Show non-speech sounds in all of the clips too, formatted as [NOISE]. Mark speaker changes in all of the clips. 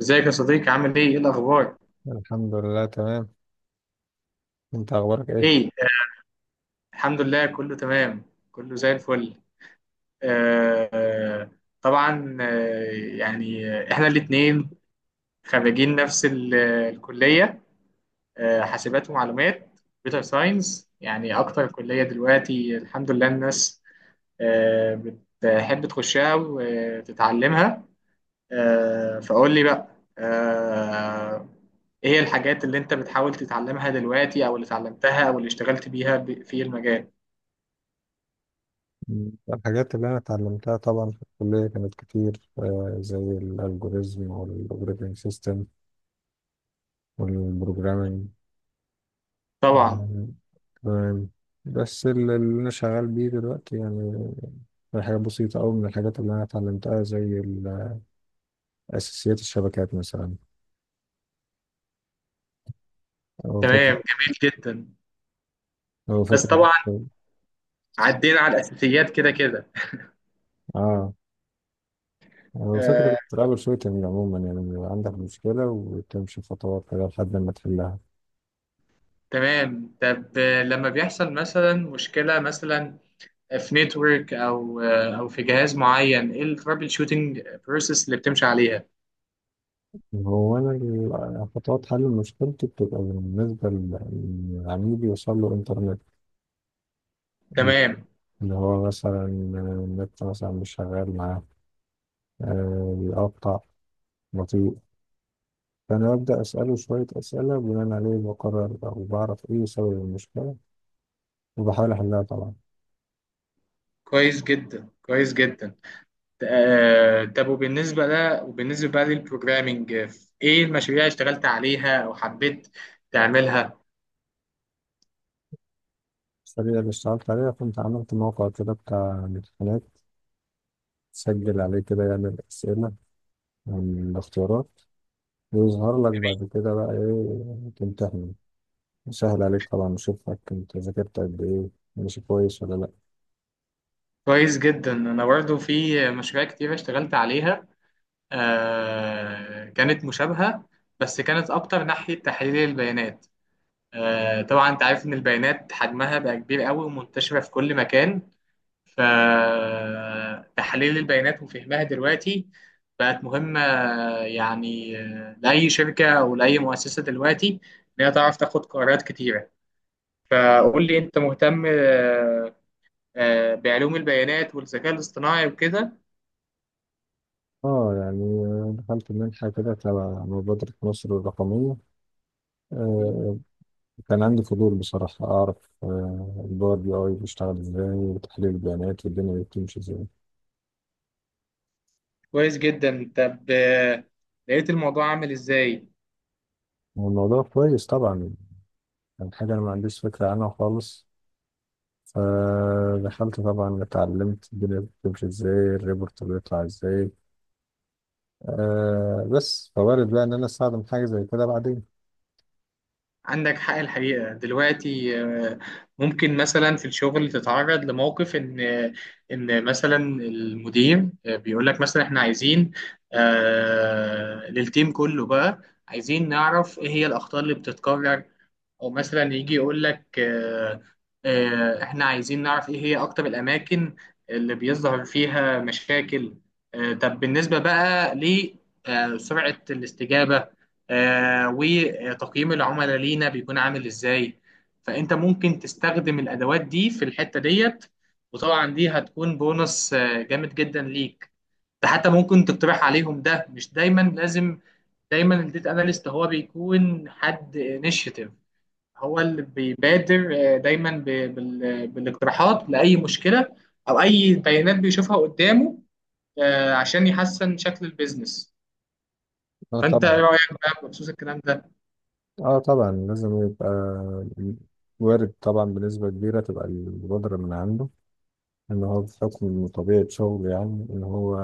Speaker 1: ازيك يا صديقي عامل ايه؟ ايه الاخبار؟
Speaker 2: الحمد لله تمام. انت اخبارك ايه؟
Speaker 1: ايه؟ الحمد لله، كله تمام. كله زي الفل. آه آه، طبعا. يعني احنا الاتنين خريجين نفس الكلية. حاسبات ومعلومات، كمبيوتر ساينس. يعني اكتر كلية دلوقتي، الحمد لله الناس آه بتحب تخشها وتتعلمها. فقول لي بقى، آه، ايه هي الحاجات اللي انت بتحاول تتعلمها دلوقتي او اللي اتعلمتها او اللي اشتغلت بيها في المجال.
Speaker 2: الحاجات اللي انا اتعلمتها طبعا في الكليه كانت كتير، زي الالجوريزم والاوبريتنج سيستم والبروجرامينج.
Speaker 1: طبعا.
Speaker 2: آه، تمام. بس اللي انا شغال بيه دلوقتي يعني حاجه بسيطه قوي من الحاجات اللي انا اتعلمتها زي اساسيات الشبكات مثلا، او فكره،
Speaker 1: تمام، جميل جدا.
Speaker 2: او
Speaker 1: بس
Speaker 2: فكره
Speaker 1: طبعا عدينا على الاساسيات كده كده.
Speaker 2: اه او فكره
Speaker 1: آه،
Speaker 2: الترابل شوتنج عموما، يعني بيبقى عندك مشكله وتمشي خطوات كده لحد ما تحلها.
Speaker 1: تمام. طب لما بيحصل مثلا مشكلة مثلا في نتورك، او او في جهاز معين، ايه الترابل شوتنج بروسيس اللي بتمشي عليها؟
Speaker 2: هو أنا خطوات حل مشكلتي بتبقى بالنسبة لعميل يوصل له إنترنت،
Speaker 1: تمام.
Speaker 2: اللي هو مثلا النت مثلا مش شغال معاه، بيقطع، بطيء. فأنا ببدأ أسأله شوية أسئلة، بناء عليه بقرر أو بعرف إيه سبب المشكلة وبحاول أحلها طبعا.
Speaker 1: كويس جدا كويس جدا. طب وبالنسبة لا وبالنسبة بقى للبروجرامينج، ايه المشاريع اللي اشتغلت عليها او حبيت تعملها؟
Speaker 2: الطريقة اللي اشتغلت عليها، كنت عملت موقع كده بتاع امتحانات، تسجل عليه كده يعمل أسئلة عن الاختيارات ويظهر لك بعد كده بقى إيه تمتحن، سهل عليك طبعا أشوفك أنت ذاكرت قد إيه، ماشي كويس ولا لأ.
Speaker 1: كويس جدا. انا برضه في مشاريع كتير اشتغلت عليها. كانت مشابهة، بس كانت اكتر ناحية تحليل البيانات. طبعا انت عارف ان البيانات حجمها بقى كبير قوي ومنتشرة في كل مكان، فتحليل البيانات وفهمها دلوقتي بقت مهمة، يعني لأي شركة أو لأي مؤسسة دلوقتي، إن هي تعرف تاخد قرارات كتيرة. فقول لي أنت مهتم بعلوم البيانات والذكاء الاصطناعي وكده؟
Speaker 2: آه يعني دخلت منحة كده تبع مبادرة مصر الرقمية.
Speaker 1: جميل.
Speaker 2: آه، كان عندي فضول بصراحة أعرف آه الباور بي أي بيشتغل إزاي وتحليل البيانات والدنيا بتمشي إزاي.
Speaker 1: كويس جدا. طب لقيت الموضوع عامل إزاي؟
Speaker 2: والموضوع كويس طبعا، كان حاجة أنا ما عنديش فكرة عنها خالص. فدخلت طبعا اتعلمت الدنيا بتمشي إزاي الريبورت بيطلع إزاي، آه بس فوارد بقى إن أنا أستخدم حاجة زي كده بعدين.
Speaker 1: عندك حق الحقيقة. دلوقتي ممكن مثلا في الشغل تتعرض لموقف، إن مثلا المدير بيقول لك مثلا، إحنا عايزين للتيم كله بقى، عايزين نعرف إيه هي الأخطاء اللي بتتكرر. او مثلا يجي يقول لك احنا عايزين نعرف ايه هي اكتر الاماكن اللي بيظهر فيها مشاكل. طب بالنسبة بقى لسرعة الاستجابة وتقييم العملاء لينا بيكون عامل ازاي. فانت ممكن تستخدم الادوات دي في الحتة ديت، وطبعا دي هتكون بونص جامد جدا ليك. ده حتى ممكن تقترح عليهم، ده مش دايما لازم. دايما الديتا اناليست هو بيكون حد انيشيتيف، هو اللي بيبادر دايما بالاقتراحات لاي مشكله او اي بيانات بيشوفها قدامه، عشان يحسن شكل البيزنس.
Speaker 2: اه
Speaker 1: فانت
Speaker 2: طبعا.
Speaker 1: ايه رايك بقى بخصوص الكلام ده؟
Speaker 2: اه طبعا لازم يبقى وارد طبعا بنسبة كبيرة تبقى البودرة من عنده، إن هو بحكم طبيعة شغله يعني إن هو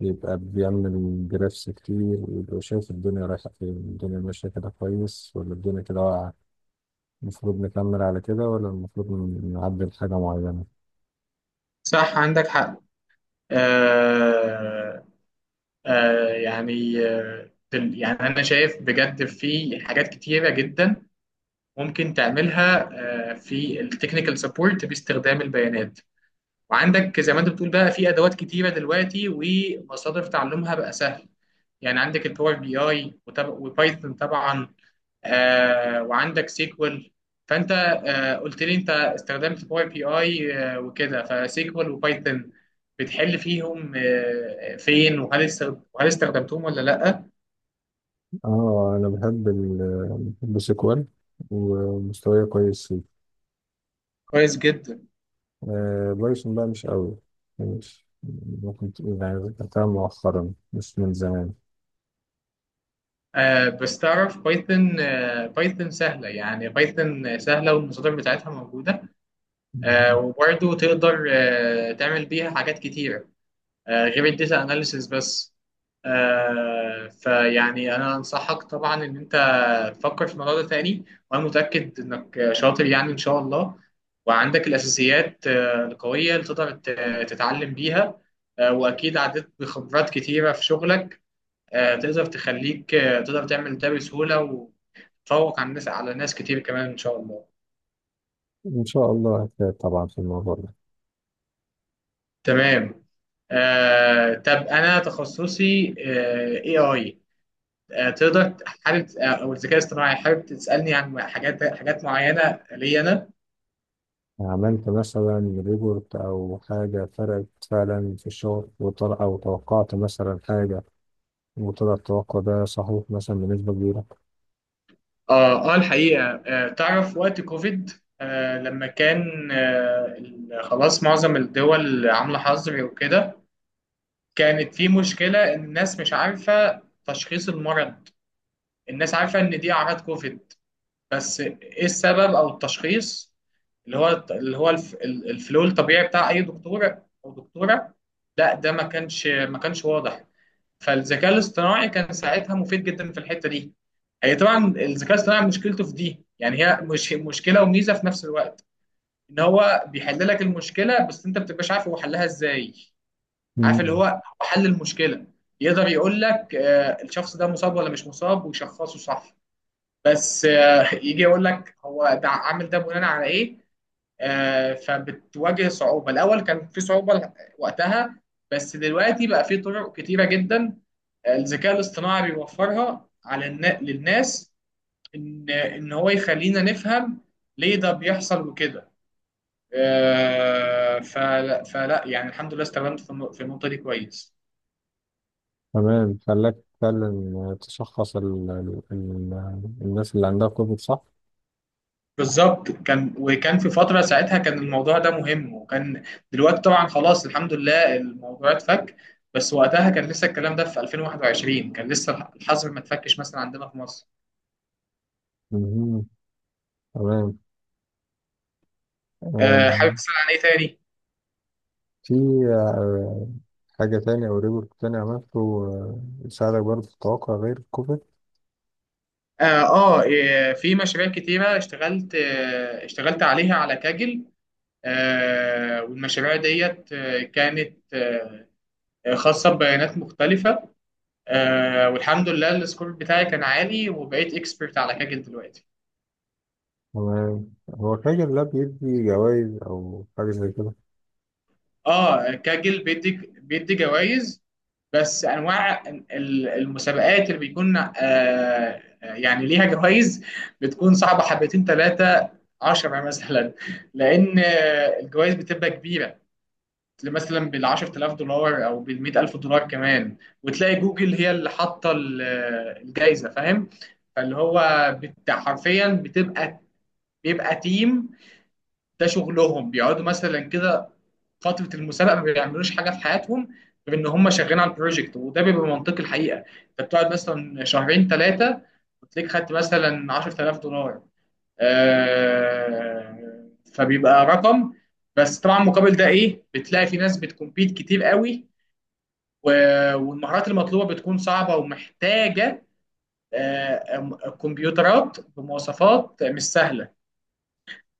Speaker 2: يبقى بيعمل جرافس كتير ويبقى شايف الدنيا رايحة فين، الدنيا ماشية كده كويس ولا الدنيا كده واقعة، المفروض نكمل على كده ولا المفروض نعدل حاجة معينة.
Speaker 1: صح، عندك حق. آه يعني، يعني انا شايف بجد في حاجات كتيره جدا ممكن تعملها في التكنيكال سبورت باستخدام البيانات. وعندك زي ما انت بتقول بقى في ادوات كتيره دلوقتي، ومصادر تعلمها بقى سهل. يعني عندك الباور بي اي وبايثون طبعا، وعندك سيكوال. فانت قلت لي انت استخدمت باور بي اي وكده، فسيكوال وبايثون بتحل فيهم فين؟ وهل استخدمتهم ولا لا؟
Speaker 2: اه أنا بحب سيكوال ومستواي كويس.
Speaker 1: كويس جدا.
Speaker 2: آه، بايثون بقى مش قوي، مش، ممكن تقول يعني ذاكرتها مؤخرا مش من زمان.
Speaker 1: بس تعرف بايثون، بايثون سهله. يعني بايثون سهله، والمصادر بتاعتها موجوده، وبرضه تقدر تعمل بيها حاجات كتيرة غير الداتا اناليسيس بس. فيعني انا انصحك طبعا ان انت تفكر في الموضوع ده تاني، وانا متأكد انك شاطر يعني ان شاء الله. وعندك الاساسيات القوية اللي تقدر تتعلم بيها، واكيد عديت بخبرات كتيرة في شغلك، تقدر تخليك تقدر تعمل ده بسهولة، وتفوق على الناس، على ناس كتير كمان ان شاء الله.
Speaker 2: إن شاء الله هتفيد طبعا في الموضوع ده.
Speaker 1: تمام. طب انا تخصصي اي اي، تقدر حابب او الذكاء الاصطناعي، حابب تسالني عن حاجات معينه لي انا؟
Speaker 2: عملت مثلا ريبورت أو حاجة فرقت فعلا في الشغل وطلع، أو توقعت مثلا حاجة وطلع التوقع ده صحيح مثلا بنسبة كبيرة.
Speaker 1: اه اه، الحقيقه تعرف وقت كوفيد، لما كان خلاص معظم الدول عامله حظر وكده، كانت في مشكله ان الناس مش عارفه تشخيص المرض. الناس عارفه ان دي اعراض كوفيد، بس ايه السبب او التشخيص اللي هو الفلو الطبيعي بتاع اي دكتور او دكتوره. لا ده ما كانش واضح. فالذكاء الاصطناعي كان ساعتها مفيد جدا في الحته دي. هي طبعا الذكاء الاصطناعي مشكلته في دي، يعني هي مش مشكله وميزه في نفس الوقت، ان هو بيحل لك المشكله بس انت ما بتبقاش عارف هو حلها ازاي. عارف اللي
Speaker 2: مم.
Speaker 1: هو، هو حل المشكله، يقدر يقول لك الشخص ده مصاب ولا مش مصاب ويشخصه صح، بس يجي يقول لك هو ده عامل ده بناء على ايه، فبتواجه صعوبة. الأول كان في صعوبة وقتها، بس دلوقتي بقى في طرق كتيرة جدا الذكاء الاصطناعي بيوفرها للناس، إن هو يخلينا نفهم ليه ده بيحصل وكده. فلا يعني الحمد لله استخدمت في النقطة دي كويس.
Speaker 2: تمام خلاك فعلا تشخص ال الناس اللي عندها كوفيد صح؟
Speaker 1: بالظبط كان، وكان في فترة ساعتها كان الموضوع ده مهم، وكان دلوقتي طبعا خلاص الحمد لله الموضوع اتفك. بس وقتها كان لسه الكلام ده في 2021، كان لسه الحظر ما اتفكش مثلا عندنا في مصر.
Speaker 2: مهم. تمام. آه،
Speaker 1: حابب تسأل عن ايه تاني؟
Speaker 2: في آه، حاجة تانية أو ريبورت تاني عملته، يساعدك برضه في التوقع غير الكوفيد؟
Speaker 1: اه إيه، في مشاريع كتيرة اشتغلت اشتغلت عليها على كاجل. والمشاريع ديت كانت خاصة ببيانات مختلفة. والحمد لله السكور بتاعي كان عالي، وبقيت اكسبرت على كاجل دلوقتي.
Speaker 2: هو هو فاكر لا بيدي جوائز أو حاجة زي كده؟
Speaker 1: اه كاجل بيدي جوائز. بس انواع المسابقات اللي بيكون يعني ليها جوائز بتكون صعبه حبتين ثلاثه 10 [LAUGHS] مثلا، لان الجوائز بتبقى كبيره، مثلا بال 10,000 دولار او بال 100,000 دولار كمان. وتلاقي جوجل هي اللي حاطه الجايزه، فاهم؟ فاللي هو حرفيا، بيبقى تيم ده شغلهم بيقعدوا مثلا كده فتره المسابقه ما بيعملوش حاجه في حياتهم غير ان هم شغالين على البروجكت. وده بيبقى منطقي الحقيقه، انت بتقعد مثلا شهرين ثلاثه وتلاقيك خدت مثلا 10,000 دولار. آه فبيبقى رقم. بس طبعا مقابل ده ايه، بتلاقي في ناس بتكمبيت كتير قوي، والمهارات المطلوبه بتكون صعبه ومحتاجه كمبيوترات بمواصفات مش سهله.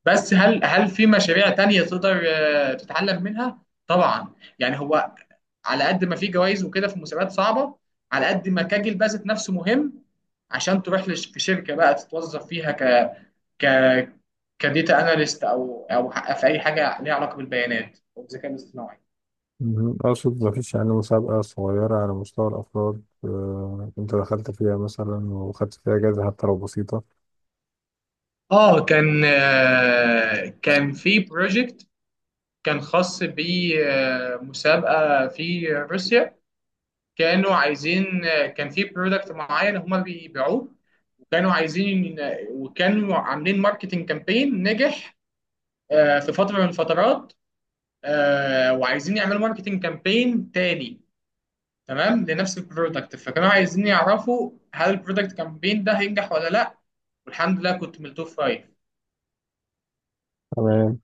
Speaker 1: بس هل في مشاريع تانية تقدر تتعلم منها؟ طبعا. يعني هو، على قد ما في جوائز وكده في مسابقات صعبة، على قد ما كاجل بقى ذات نفسه مهم عشان تروح في شركة بقى تتوظف فيها ك ك كديتا اناليست، او في اي حاجة ليها علاقة بالبيانات او الذكاء الاصطناعي.
Speaker 2: مهم. أقصد مفيش يعني مسابقة صغيرة على مستوى الأفراد، أنت دخلت فيها مثلا وخدت فيها جايزة حتى لو بسيطة.
Speaker 1: اه كان كان في بروجكت كان خاص بمسابقة في روسيا. كانوا عايزين، كان في برودكت معين هما بيبيعوه، وكانوا عايزين، وكانوا عاملين ماركتنج كامبين نجح في فترة من الفترات، وعايزين يعملوا ماركتنج كامبين تاني تمام لنفس البرودكت. فكانوا عايزين يعرفوا هل البرودكت كامبين ده هينجح ولا لا. والحمد لله كنت من التوب فايف.
Speaker 2: تمام.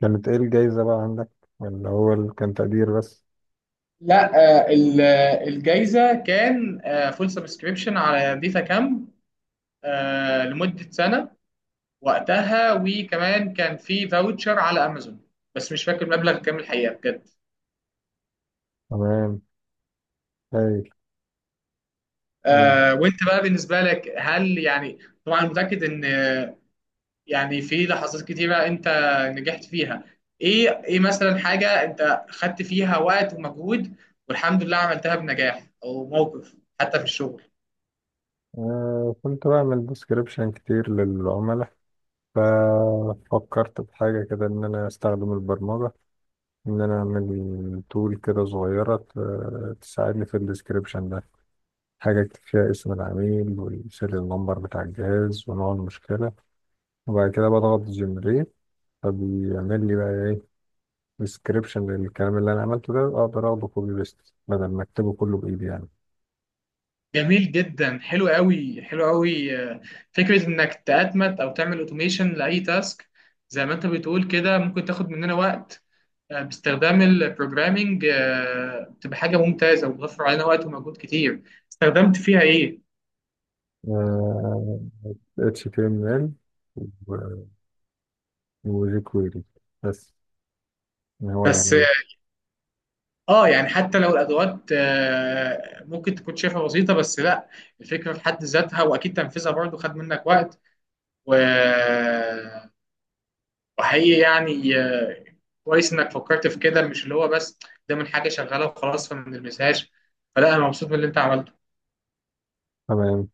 Speaker 2: كانت إيه الجايزة بقى عندك، اللي هو اللي كان تقدير بس؟
Speaker 1: لا الجايزة كان فول سبسكريبشن على ديتا كامب لمدة سنة وقتها، وكمان كان في فاوتشر على امازون، بس مش فاكر المبلغ كام الحقيقه بجد.
Speaker 2: تمام. هايل. آه،
Speaker 1: وانت بقى بالنسبه لك، هل يعني طبعا متاكد ان يعني في لحظات كتيره انت نجحت فيها، ايه مثلا حاجه انت خدت فيها وقت ومجهود والحمد لله عملتها بنجاح، او موقف حتى في الشغل؟
Speaker 2: كنت بعمل ديسكريبشن كتير للعملاء، ففكرت في حاجة كده إن أنا أستخدم البرمجة، إن أنا أعمل تول كده صغيرة تساعدني في الديسكريبشن ده، حاجة أكتب فيها اسم العميل والسيريال نمبر بتاع الجهاز ونوع المشكلة، وبعد كده بضغط جنريت، فبيعمل لي بقى إيه، ديسكريبشن للكلام اللي أنا عملته ده أقدر أخده كوبي بيست بدل ما أكتبه كله بإيدي يعني.
Speaker 1: جميل جدا، حلو قوي حلو قوي. فكره انك تأتمت او تعمل اوتوميشن لاي تاسك زي ما انت بتقول كده ممكن تاخد مننا وقت باستخدام البروجرامينج بتبقى حاجه ممتازه وبتوفر علينا وقت ومجهود كتير. استخدمت فيها ايه؟
Speaker 2: آه، HTML وجيك ويلي بس، يعني هو
Speaker 1: بس اه
Speaker 2: يعني،
Speaker 1: يعني حتى لو الادوات ممكن تكون شايفها بسيطه، بس لا، الفكره في حد ذاتها واكيد تنفيذها برضو خد منك وقت و... وحقيقي يعني كويس انك فكرت في كده، مش اللي هو بس ده من حاجه شغاله وخلاص فما نلمسهاش. فلا انا مبسوط من اللي انت عملته.
Speaker 2: تمام.